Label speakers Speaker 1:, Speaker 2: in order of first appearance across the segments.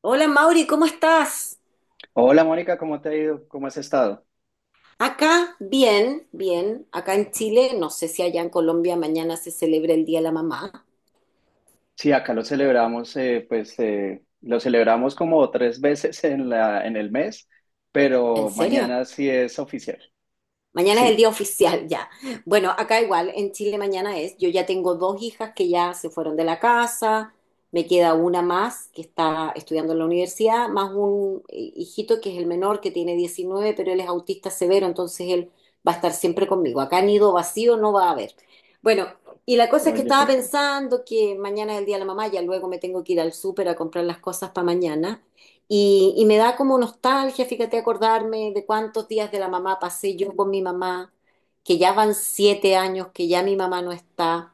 Speaker 1: Hola Mauri, ¿cómo estás?
Speaker 2: Hola Mónica, ¿cómo te ha ido? ¿Cómo has estado?
Speaker 1: Acá, bien, bien. Acá en Chile, no sé si allá en Colombia mañana se celebra el Día de la Mamá.
Speaker 2: Sí, acá lo celebramos, lo celebramos como tres veces en el mes,
Speaker 1: ¿En
Speaker 2: pero
Speaker 1: serio?
Speaker 2: mañana sí es oficial.
Speaker 1: Mañana es el día
Speaker 2: Sí.
Speaker 1: oficial ya. Bueno, acá igual, en Chile mañana es. Yo ya tengo dos hijas que ya se fueron de la casa, me queda una más que está estudiando en la universidad, más un hijito que es el menor que tiene 19, pero él es autista severo, entonces él va a estar siempre conmigo. Acá nido vacío no va a haber. Bueno, y la cosa es que
Speaker 2: Oye,
Speaker 1: estaba
Speaker 2: perfecto.
Speaker 1: pensando que mañana es el día de la mamá, ya luego me tengo que ir al súper a comprar las cosas para mañana. Y me da como nostalgia, fíjate, acordarme de cuántos días de la mamá pasé yo con mi mamá, que ya van 7 años, que ya mi mamá no está,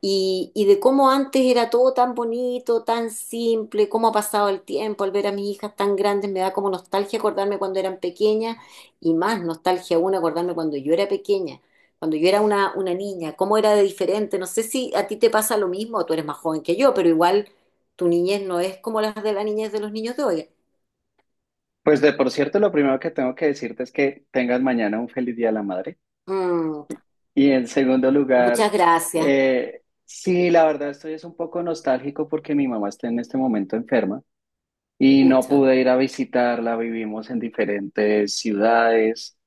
Speaker 1: y de cómo antes era todo tan bonito, tan simple, cómo ha pasado el tiempo al ver a mis hijas tan grandes, me da como nostalgia acordarme cuando eran pequeñas, y más nostalgia aún acordarme cuando yo era pequeña, cuando yo era una niña, cómo era de diferente. No sé si a ti te pasa lo mismo, tú eres más joven que yo, pero igual tu niñez no es como las de la niñez de los niños de hoy.
Speaker 2: Pues de por cierto, lo primero que tengo que decirte es que tengas mañana un feliz Día de la Madre.
Speaker 1: Mm,
Speaker 2: Y en segundo
Speaker 1: muchas
Speaker 2: lugar,
Speaker 1: gracias.
Speaker 2: sí, la verdad estoy es un poco nostálgico porque mi mamá está en este momento enferma y no
Speaker 1: Pucha.
Speaker 2: pude ir a visitarla, vivimos en diferentes ciudades.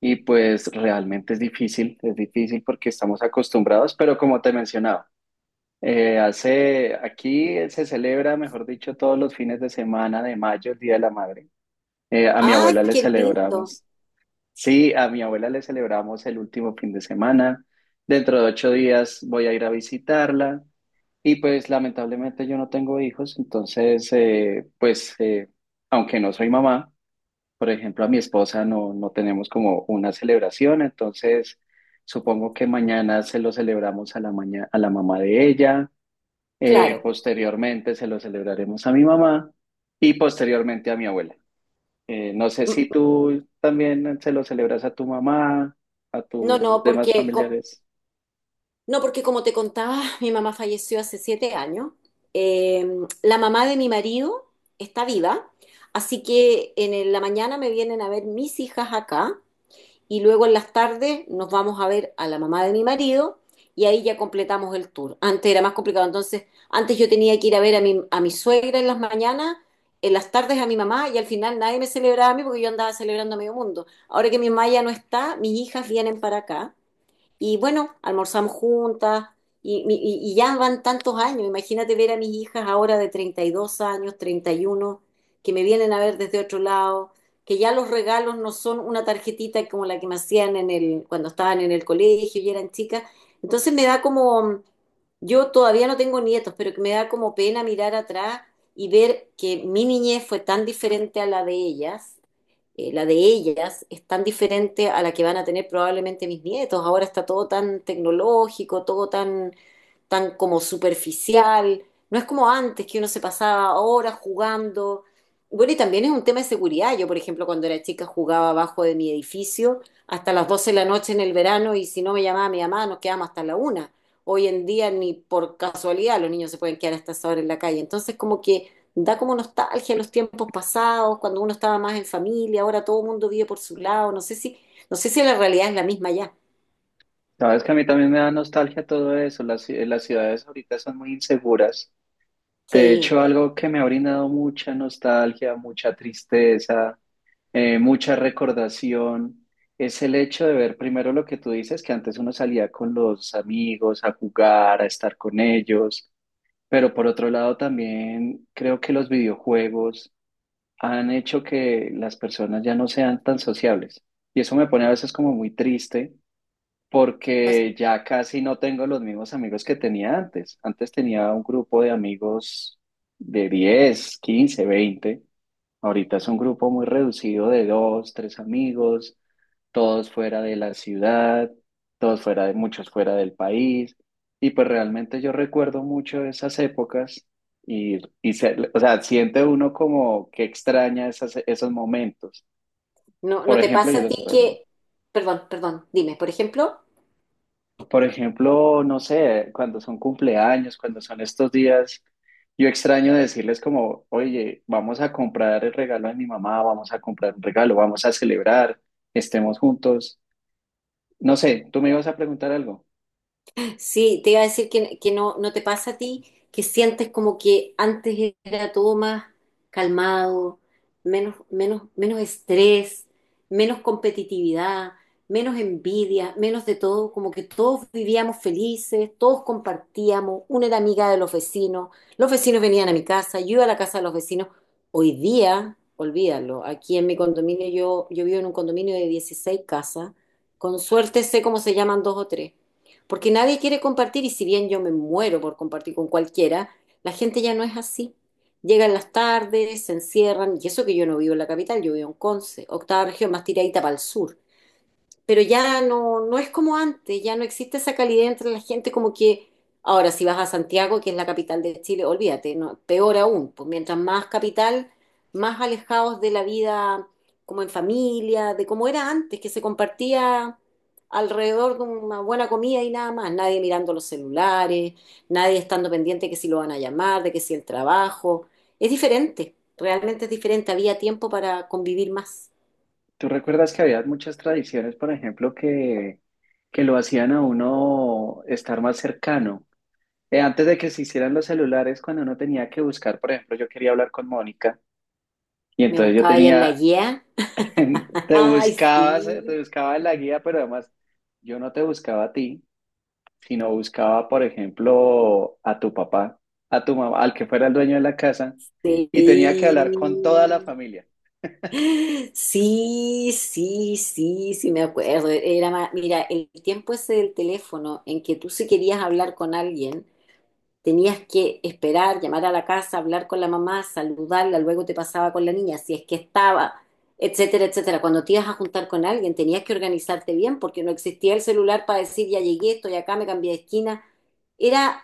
Speaker 2: Y pues realmente es difícil porque estamos acostumbrados, pero como te mencionaba, aquí se celebra, mejor dicho, todos los fines de semana de mayo, el Día de la Madre. A mi
Speaker 1: Ah,
Speaker 2: abuela le
Speaker 1: qué lindo.
Speaker 2: celebramos, sí, a mi abuela le celebramos el último fin de semana. Dentro de 8 días voy a ir a visitarla y pues lamentablemente yo no tengo hijos, entonces aunque no soy mamá. Por ejemplo, a mi esposa no, no tenemos como una celebración, entonces supongo que mañana se lo celebramos a a la mamá de ella,
Speaker 1: Claro.
Speaker 2: posteriormente se lo celebraremos a mi mamá y posteriormente a mi abuela. No sé
Speaker 1: Mm.
Speaker 2: si tú también se lo celebras a tu mamá, a
Speaker 1: No, no,
Speaker 2: tus demás
Speaker 1: porque
Speaker 2: familiares.
Speaker 1: no, porque como te contaba, mi mamá falleció hace 7 años. Eh, la mamá de mi marido está viva, así que en la mañana me vienen a ver mis hijas acá y luego en las tardes nos vamos a ver a la mamá de mi marido y ahí ya completamos el tour. Antes era más complicado, entonces antes yo tenía que ir a ver a mi suegra en las mañanas, en las tardes a mi mamá y al final nadie me celebraba a mí porque yo andaba celebrando a medio mundo. Ahora que mi mamá ya no está, mis hijas vienen para acá y bueno, almorzamos juntas y ya van tantos años. Imagínate ver a mis hijas ahora de 32 años, 31, que me vienen a ver desde otro lado, que ya los regalos no son una tarjetita como la que me hacían cuando estaban en el colegio y eran chicas. Entonces me da como, yo todavía no tengo nietos, pero que me da como pena mirar atrás y ver que mi niñez fue tan diferente a la de ellas. La de ellas es tan diferente a la que van a tener probablemente mis nietos. Ahora está todo tan tecnológico, todo tan como superficial. No es como antes que uno se pasaba horas jugando. Bueno, y también es un tema de seguridad. Yo, por ejemplo, cuando era chica jugaba abajo de mi edificio hasta las 12 de la noche en el verano, y si no me llamaba mi mamá nos quedábamos hasta la una. Hoy en día ni por casualidad los niños se pueden quedar hasta esa hora en la calle. Entonces, como que da como nostalgia los tiempos pasados, cuando uno estaba más en familia, ahora todo el mundo vive por su lado, no sé si la realidad es la misma ya.
Speaker 2: Sabes que a mí también me da nostalgia todo eso, las ciudades ahorita son muy inseguras. De
Speaker 1: Sí.
Speaker 2: hecho, algo que me ha brindado mucha nostalgia, mucha tristeza, mucha recordación. Es el hecho de ver primero lo que tú dices, que antes uno salía con los amigos a jugar, a estar con ellos, pero por otro lado también creo que los videojuegos han hecho que las personas ya no sean tan sociables. Y eso me pone a veces como muy triste
Speaker 1: No,
Speaker 2: porque ya casi no tengo los mismos amigos que tenía antes. Antes tenía un grupo de amigos de 10, 15, 20 Ahorita es un grupo muy reducido de dos, tres amigos, todos fuera de la ciudad, todos fuera de muchos fuera del país. Y pues realmente yo recuerdo mucho esas épocas y o sea, siente uno como que extraña esos momentos.
Speaker 1: no.
Speaker 2: Por
Speaker 1: No te
Speaker 2: ejemplo,
Speaker 1: pasa
Speaker 2: yo
Speaker 1: a
Speaker 2: los
Speaker 1: ti
Speaker 2: extraño.
Speaker 1: que, perdón, perdón, dime, por ejemplo.
Speaker 2: Por ejemplo, no sé, cuando son cumpleaños, cuando son estos días, yo extraño decirles como, oye, vamos a comprar el regalo de mi mamá, vamos a comprar un regalo, vamos a celebrar, estemos juntos. No sé, tú me ibas a preguntar algo.
Speaker 1: Sí, te iba a decir que no te pasa a ti que sientes como que antes era todo más calmado, menos estrés, menos competitividad, menos envidia, menos de todo, como que todos vivíamos felices, todos compartíamos, una era amiga de los vecinos venían a mi casa, yo iba a la casa de los vecinos. Hoy día, olvídalo, aquí en mi condominio, yo vivo en un condominio de 16 casas, con suerte sé cómo se llaman dos o tres. Porque nadie quiere compartir, y si bien yo me muero por compartir con cualquiera, la gente ya no es así. Llegan las tardes, se encierran, y eso que yo no vivo en la capital, yo vivo en Conce, octava región más tiradita para el sur, pero ya no es como antes, ya no existe esa calidez entre la gente, como que ahora si vas a Santiago, que es la capital de Chile, olvídate, no, peor aún, pues mientras más capital, más alejados de la vida como en familia, de cómo era antes, que se compartía alrededor de una buena comida y nada más, nadie mirando los celulares, nadie estando pendiente que si lo van a llamar, de que si el trabajo, es diferente, realmente es diferente, había tiempo para convivir más.
Speaker 2: ¿Tú recuerdas que había muchas tradiciones, por ejemplo, que lo hacían a uno estar más cercano? Antes de que se hicieran los celulares, cuando uno tenía que buscar, por ejemplo, yo quería hablar con Mónica y
Speaker 1: Me
Speaker 2: entonces yo
Speaker 1: buscaba ahí en la
Speaker 2: tenía.
Speaker 1: guía.
Speaker 2: Te
Speaker 1: Ay,
Speaker 2: buscabas, eh, te
Speaker 1: sí,
Speaker 2: buscabas la guía, pero además yo no te buscaba a ti, sino buscaba, por ejemplo, a tu papá, a tu mamá, al que fuera el dueño de la casa, y tenía que
Speaker 1: sí.
Speaker 2: hablar con toda la familia.
Speaker 1: Sí, sí, sí, sí, me acuerdo. Era mira, el tiempo ese del teléfono en que tú si querías hablar con alguien, tenías que esperar, llamar a la casa, hablar con la mamá, saludarla, luego te pasaba con la niña, si es que estaba, etcétera, etcétera. Cuando te ibas a juntar con alguien, tenías que organizarte bien porque no existía el celular para decir ya llegué, estoy acá, me cambié de esquina. Era,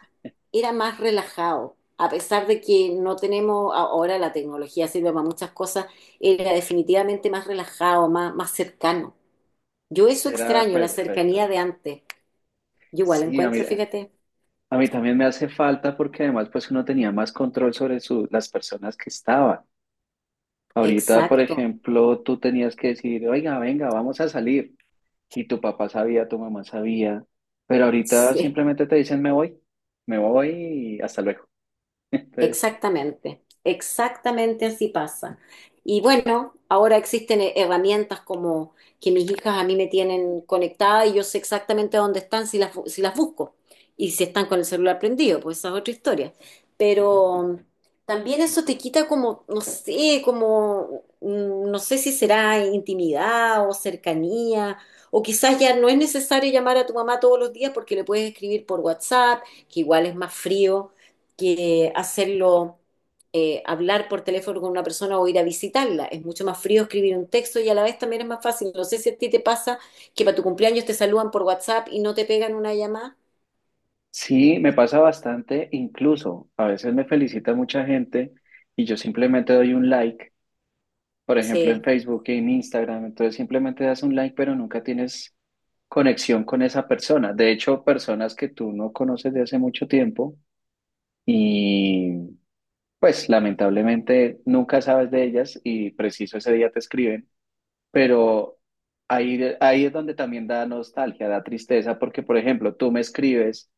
Speaker 1: era más relajado. A pesar de que no tenemos, ahora la tecnología sirve para muchas cosas, era definitivamente más relajado, más cercano. Yo eso
Speaker 2: Era
Speaker 1: extraño, la
Speaker 2: perfecto.
Speaker 1: cercanía de antes. Yo igual
Speaker 2: Sí, a
Speaker 1: encuentro,
Speaker 2: mí,
Speaker 1: fíjate,
Speaker 2: a mí también me hace falta porque además pues uno tenía más control sobre las personas que estaban. Ahorita, por
Speaker 1: exacto.
Speaker 2: ejemplo, tú tenías que decir, oiga, venga, vamos a salir. Y tu papá sabía, tu mamá sabía, pero ahorita
Speaker 1: Sí.
Speaker 2: simplemente te dicen me voy y hasta luego. Entonces,
Speaker 1: Exactamente, exactamente así pasa. Y bueno, ahora existen herramientas como que mis hijas a mí me tienen conectada, y yo sé exactamente dónde están si si las busco, y si están con el celular prendido, pues esa es otra historia. Pero también eso te quita como, no sé, como, no sé si será intimidad o cercanía. O quizás ya no es necesario llamar a tu mamá todos los días porque le puedes escribir por WhatsApp, que igual es más frío que hacerlo, hablar por teléfono con una persona o ir a visitarla. Es mucho más frío escribir un texto, y a la vez también es más fácil. No sé si a ti te pasa que para tu cumpleaños te saludan por WhatsApp y no te pegan una llamada.
Speaker 2: sí, me pasa bastante, incluso a veces me felicita mucha gente y yo simplemente doy un like, por ejemplo en
Speaker 1: Sí,
Speaker 2: Facebook y en Instagram, entonces simplemente das un like, pero nunca tienes conexión con esa persona. De hecho, personas que tú no conoces de hace mucho tiempo y pues lamentablemente nunca sabes de ellas y preciso ese día te escriben, pero ahí es donde también da nostalgia, da tristeza, porque, por ejemplo, tú me escribes,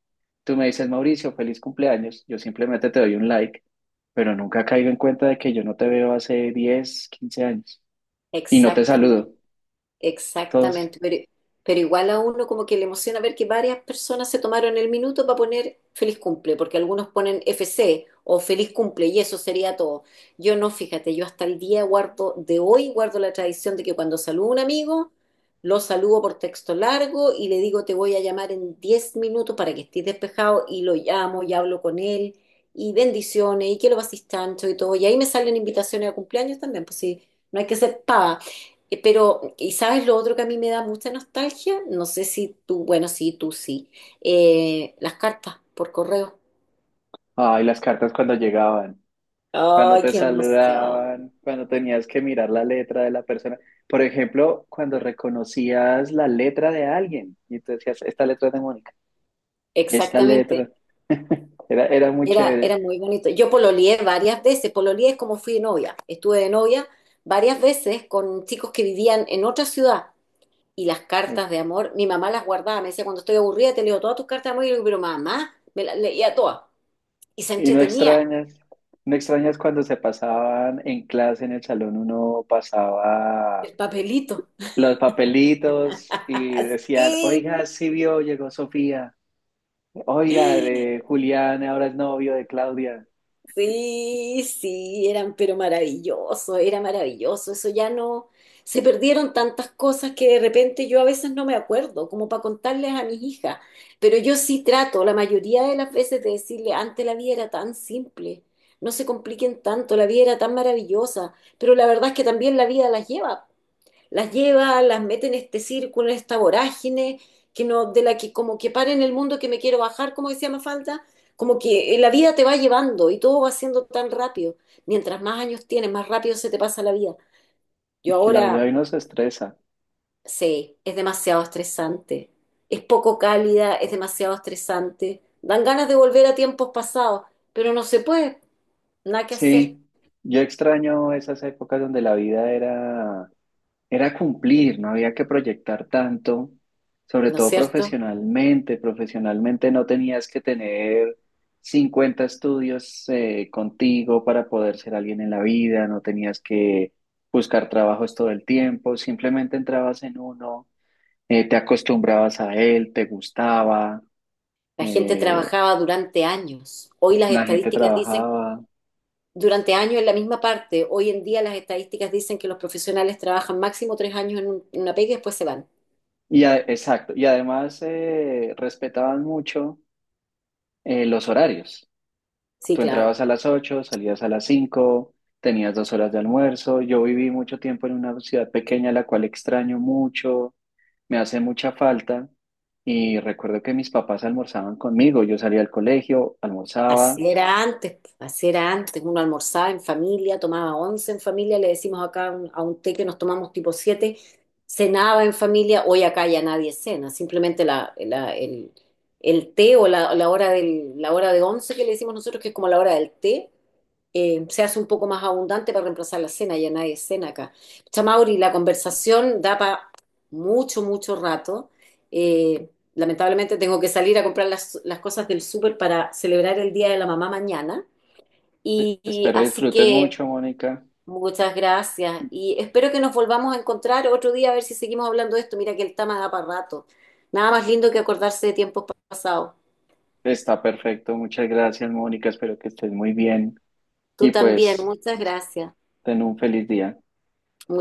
Speaker 2: tú me dices, Mauricio, feliz cumpleaños, yo simplemente te doy un like, pero nunca caigo en cuenta de que yo no te veo hace 10, 15 años y no te saludo.
Speaker 1: exactamente.
Speaker 2: Entonces,
Speaker 1: Exactamente, pero igual a uno como que le emociona ver que varias personas se tomaron el minuto para poner feliz cumple, porque algunos ponen FC o feliz cumple y eso sería todo. Yo no, fíjate, yo hasta el día de hoy guardo la tradición de que cuando saludo a un amigo, lo saludo por texto largo y le digo te voy a llamar en 10 minutos para que estés despejado, y lo llamo y hablo con él y bendiciones y que lo pases tanto y todo. Y ahí me salen invitaciones a cumpleaños también, pues sí, no hay que ser pava. Pero, ¿y sabes lo otro que a mí me da mucha nostalgia? No sé si tú, bueno, sí, tú sí. Las cartas por correo.
Speaker 2: ay, las cartas cuando llegaban, cuando
Speaker 1: ¡Ay,
Speaker 2: te
Speaker 1: qué emoción!
Speaker 2: saludaban, cuando tenías que mirar la letra de la persona. Por ejemplo, cuando reconocías la letra de alguien y tú decías, esta letra es de Mónica, esta
Speaker 1: Exactamente.
Speaker 2: letra. Era muy
Speaker 1: Era,
Speaker 2: chévere.
Speaker 1: era muy bonito. Yo pololeé varias veces. Pololeé es como fui de novia. Estuve de novia varias veces con chicos que vivían en otra ciudad. Y las
Speaker 2: No.
Speaker 1: cartas de amor, mi mamá las guardaba. Me decía, cuando estoy aburrida, te leo todas tus cartas de amor. Y yo le digo, pero mamá, me las leía todas. Y se
Speaker 2: Y no
Speaker 1: entretenía
Speaker 2: extrañas, no extrañas cuando se pasaban en clase, en el salón, uno pasaba
Speaker 1: el papelito.
Speaker 2: los papelitos y decían,
Speaker 1: Sí.
Speaker 2: oiga, sí vio, llegó Sofía, oiga, de Julián ahora es novio de Claudia.
Speaker 1: Sí, sí, eran, pero maravilloso, era maravilloso. Eso ya no, se perdieron tantas cosas que de repente yo a veces no me acuerdo, como para contarles a mis hijas. Pero yo sí trato, la mayoría de las veces, de decirle, antes la vida era tan simple, no se compliquen tanto, la vida era tan maravillosa, pero la verdad es que también la vida las lleva, las mete en este círculo, en esta vorágine, que no, de la que como que para en el mundo que me quiero bajar, como decía Mafalda, como que la vida te va llevando y todo va siendo tan rápido. Mientras más años tienes, más rápido se te pasa la vida.
Speaker 2: Y
Speaker 1: Yo
Speaker 2: que la vida hoy
Speaker 1: ahora
Speaker 2: nos estresa.
Speaker 1: sé, es demasiado estresante, es poco cálida, es demasiado estresante. Dan ganas de volver a tiempos pasados, pero no se puede, nada que hacer,
Speaker 2: Sí, yo extraño esas épocas donde la vida era cumplir, no había que proyectar tanto, sobre
Speaker 1: ¿no es
Speaker 2: todo
Speaker 1: cierto?
Speaker 2: profesionalmente. Profesionalmente no tenías que tener 50 estudios, contigo para poder ser alguien en la vida, no tenías que buscar trabajos todo el tiempo, simplemente entrabas en uno, te acostumbrabas a él, te gustaba,
Speaker 1: La gente
Speaker 2: eh,
Speaker 1: trabajaba durante años. Hoy las
Speaker 2: la gente
Speaker 1: estadísticas dicen
Speaker 2: trabajaba.
Speaker 1: durante años en la misma parte. Hoy en día las estadísticas dicen que los profesionales trabajan máximo 3 años en una pega y después se van.
Speaker 2: Exacto, y además respetaban mucho, los horarios.
Speaker 1: Sí,
Speaker 2: Tú
Speaker 1: claro.
Speaker 2: entrabas a las 8, salías a las 5, tenías 2 horas de almuerzo. Yo viví mucho tiempo en una ciudad pequeña, la cual extraño mucho, me hace mucha falta. Y recuerdo que mis papás almorzaban conmigo. Yo salía al colegio, almorzaba.
Speaker 1: Así era antes, así era antes. Uno almorzaba en familia, tomaba once en familia, le decimos acá a un té que nos tomamos tipo 7, cenaba en familia. Hoy acá ya nadie cena, simplemente el té o la hora de once que le decimos nosotros, que es como la hora del té, se hace un poco más abundante para reemplazar la cena, ya nadie cena acá. Chamauri, la conversación da para mucho, mucho rato. Eh, Lamentablemente tengo que salir a comprar las cosas del súper para celebrar el Día de la Mamá mañana. Y
Speaker 2: Espero
Speaker 1: así
Speaker 2: disfrutes
Speaker 1: que
Speaker 2: mucho, Mónica.
Speaker 1: muchas gracias y espero que nos volvamos a encontrar otro día a ver si seguimos hablando de esto. Mira que el tema da para rato. Nada más lindo que acordarse de tiempos pasados.
Speaker 2: Está perfecto. Muchas gracias, Mónica. Espero que estés muy bien.
Speaker 1: Tú
Speaker 2: Y
Speaker 1: también,
Speaker 2: pues,
Speaker 1: muchas gracias.
Speaker 2: ten un feliz día.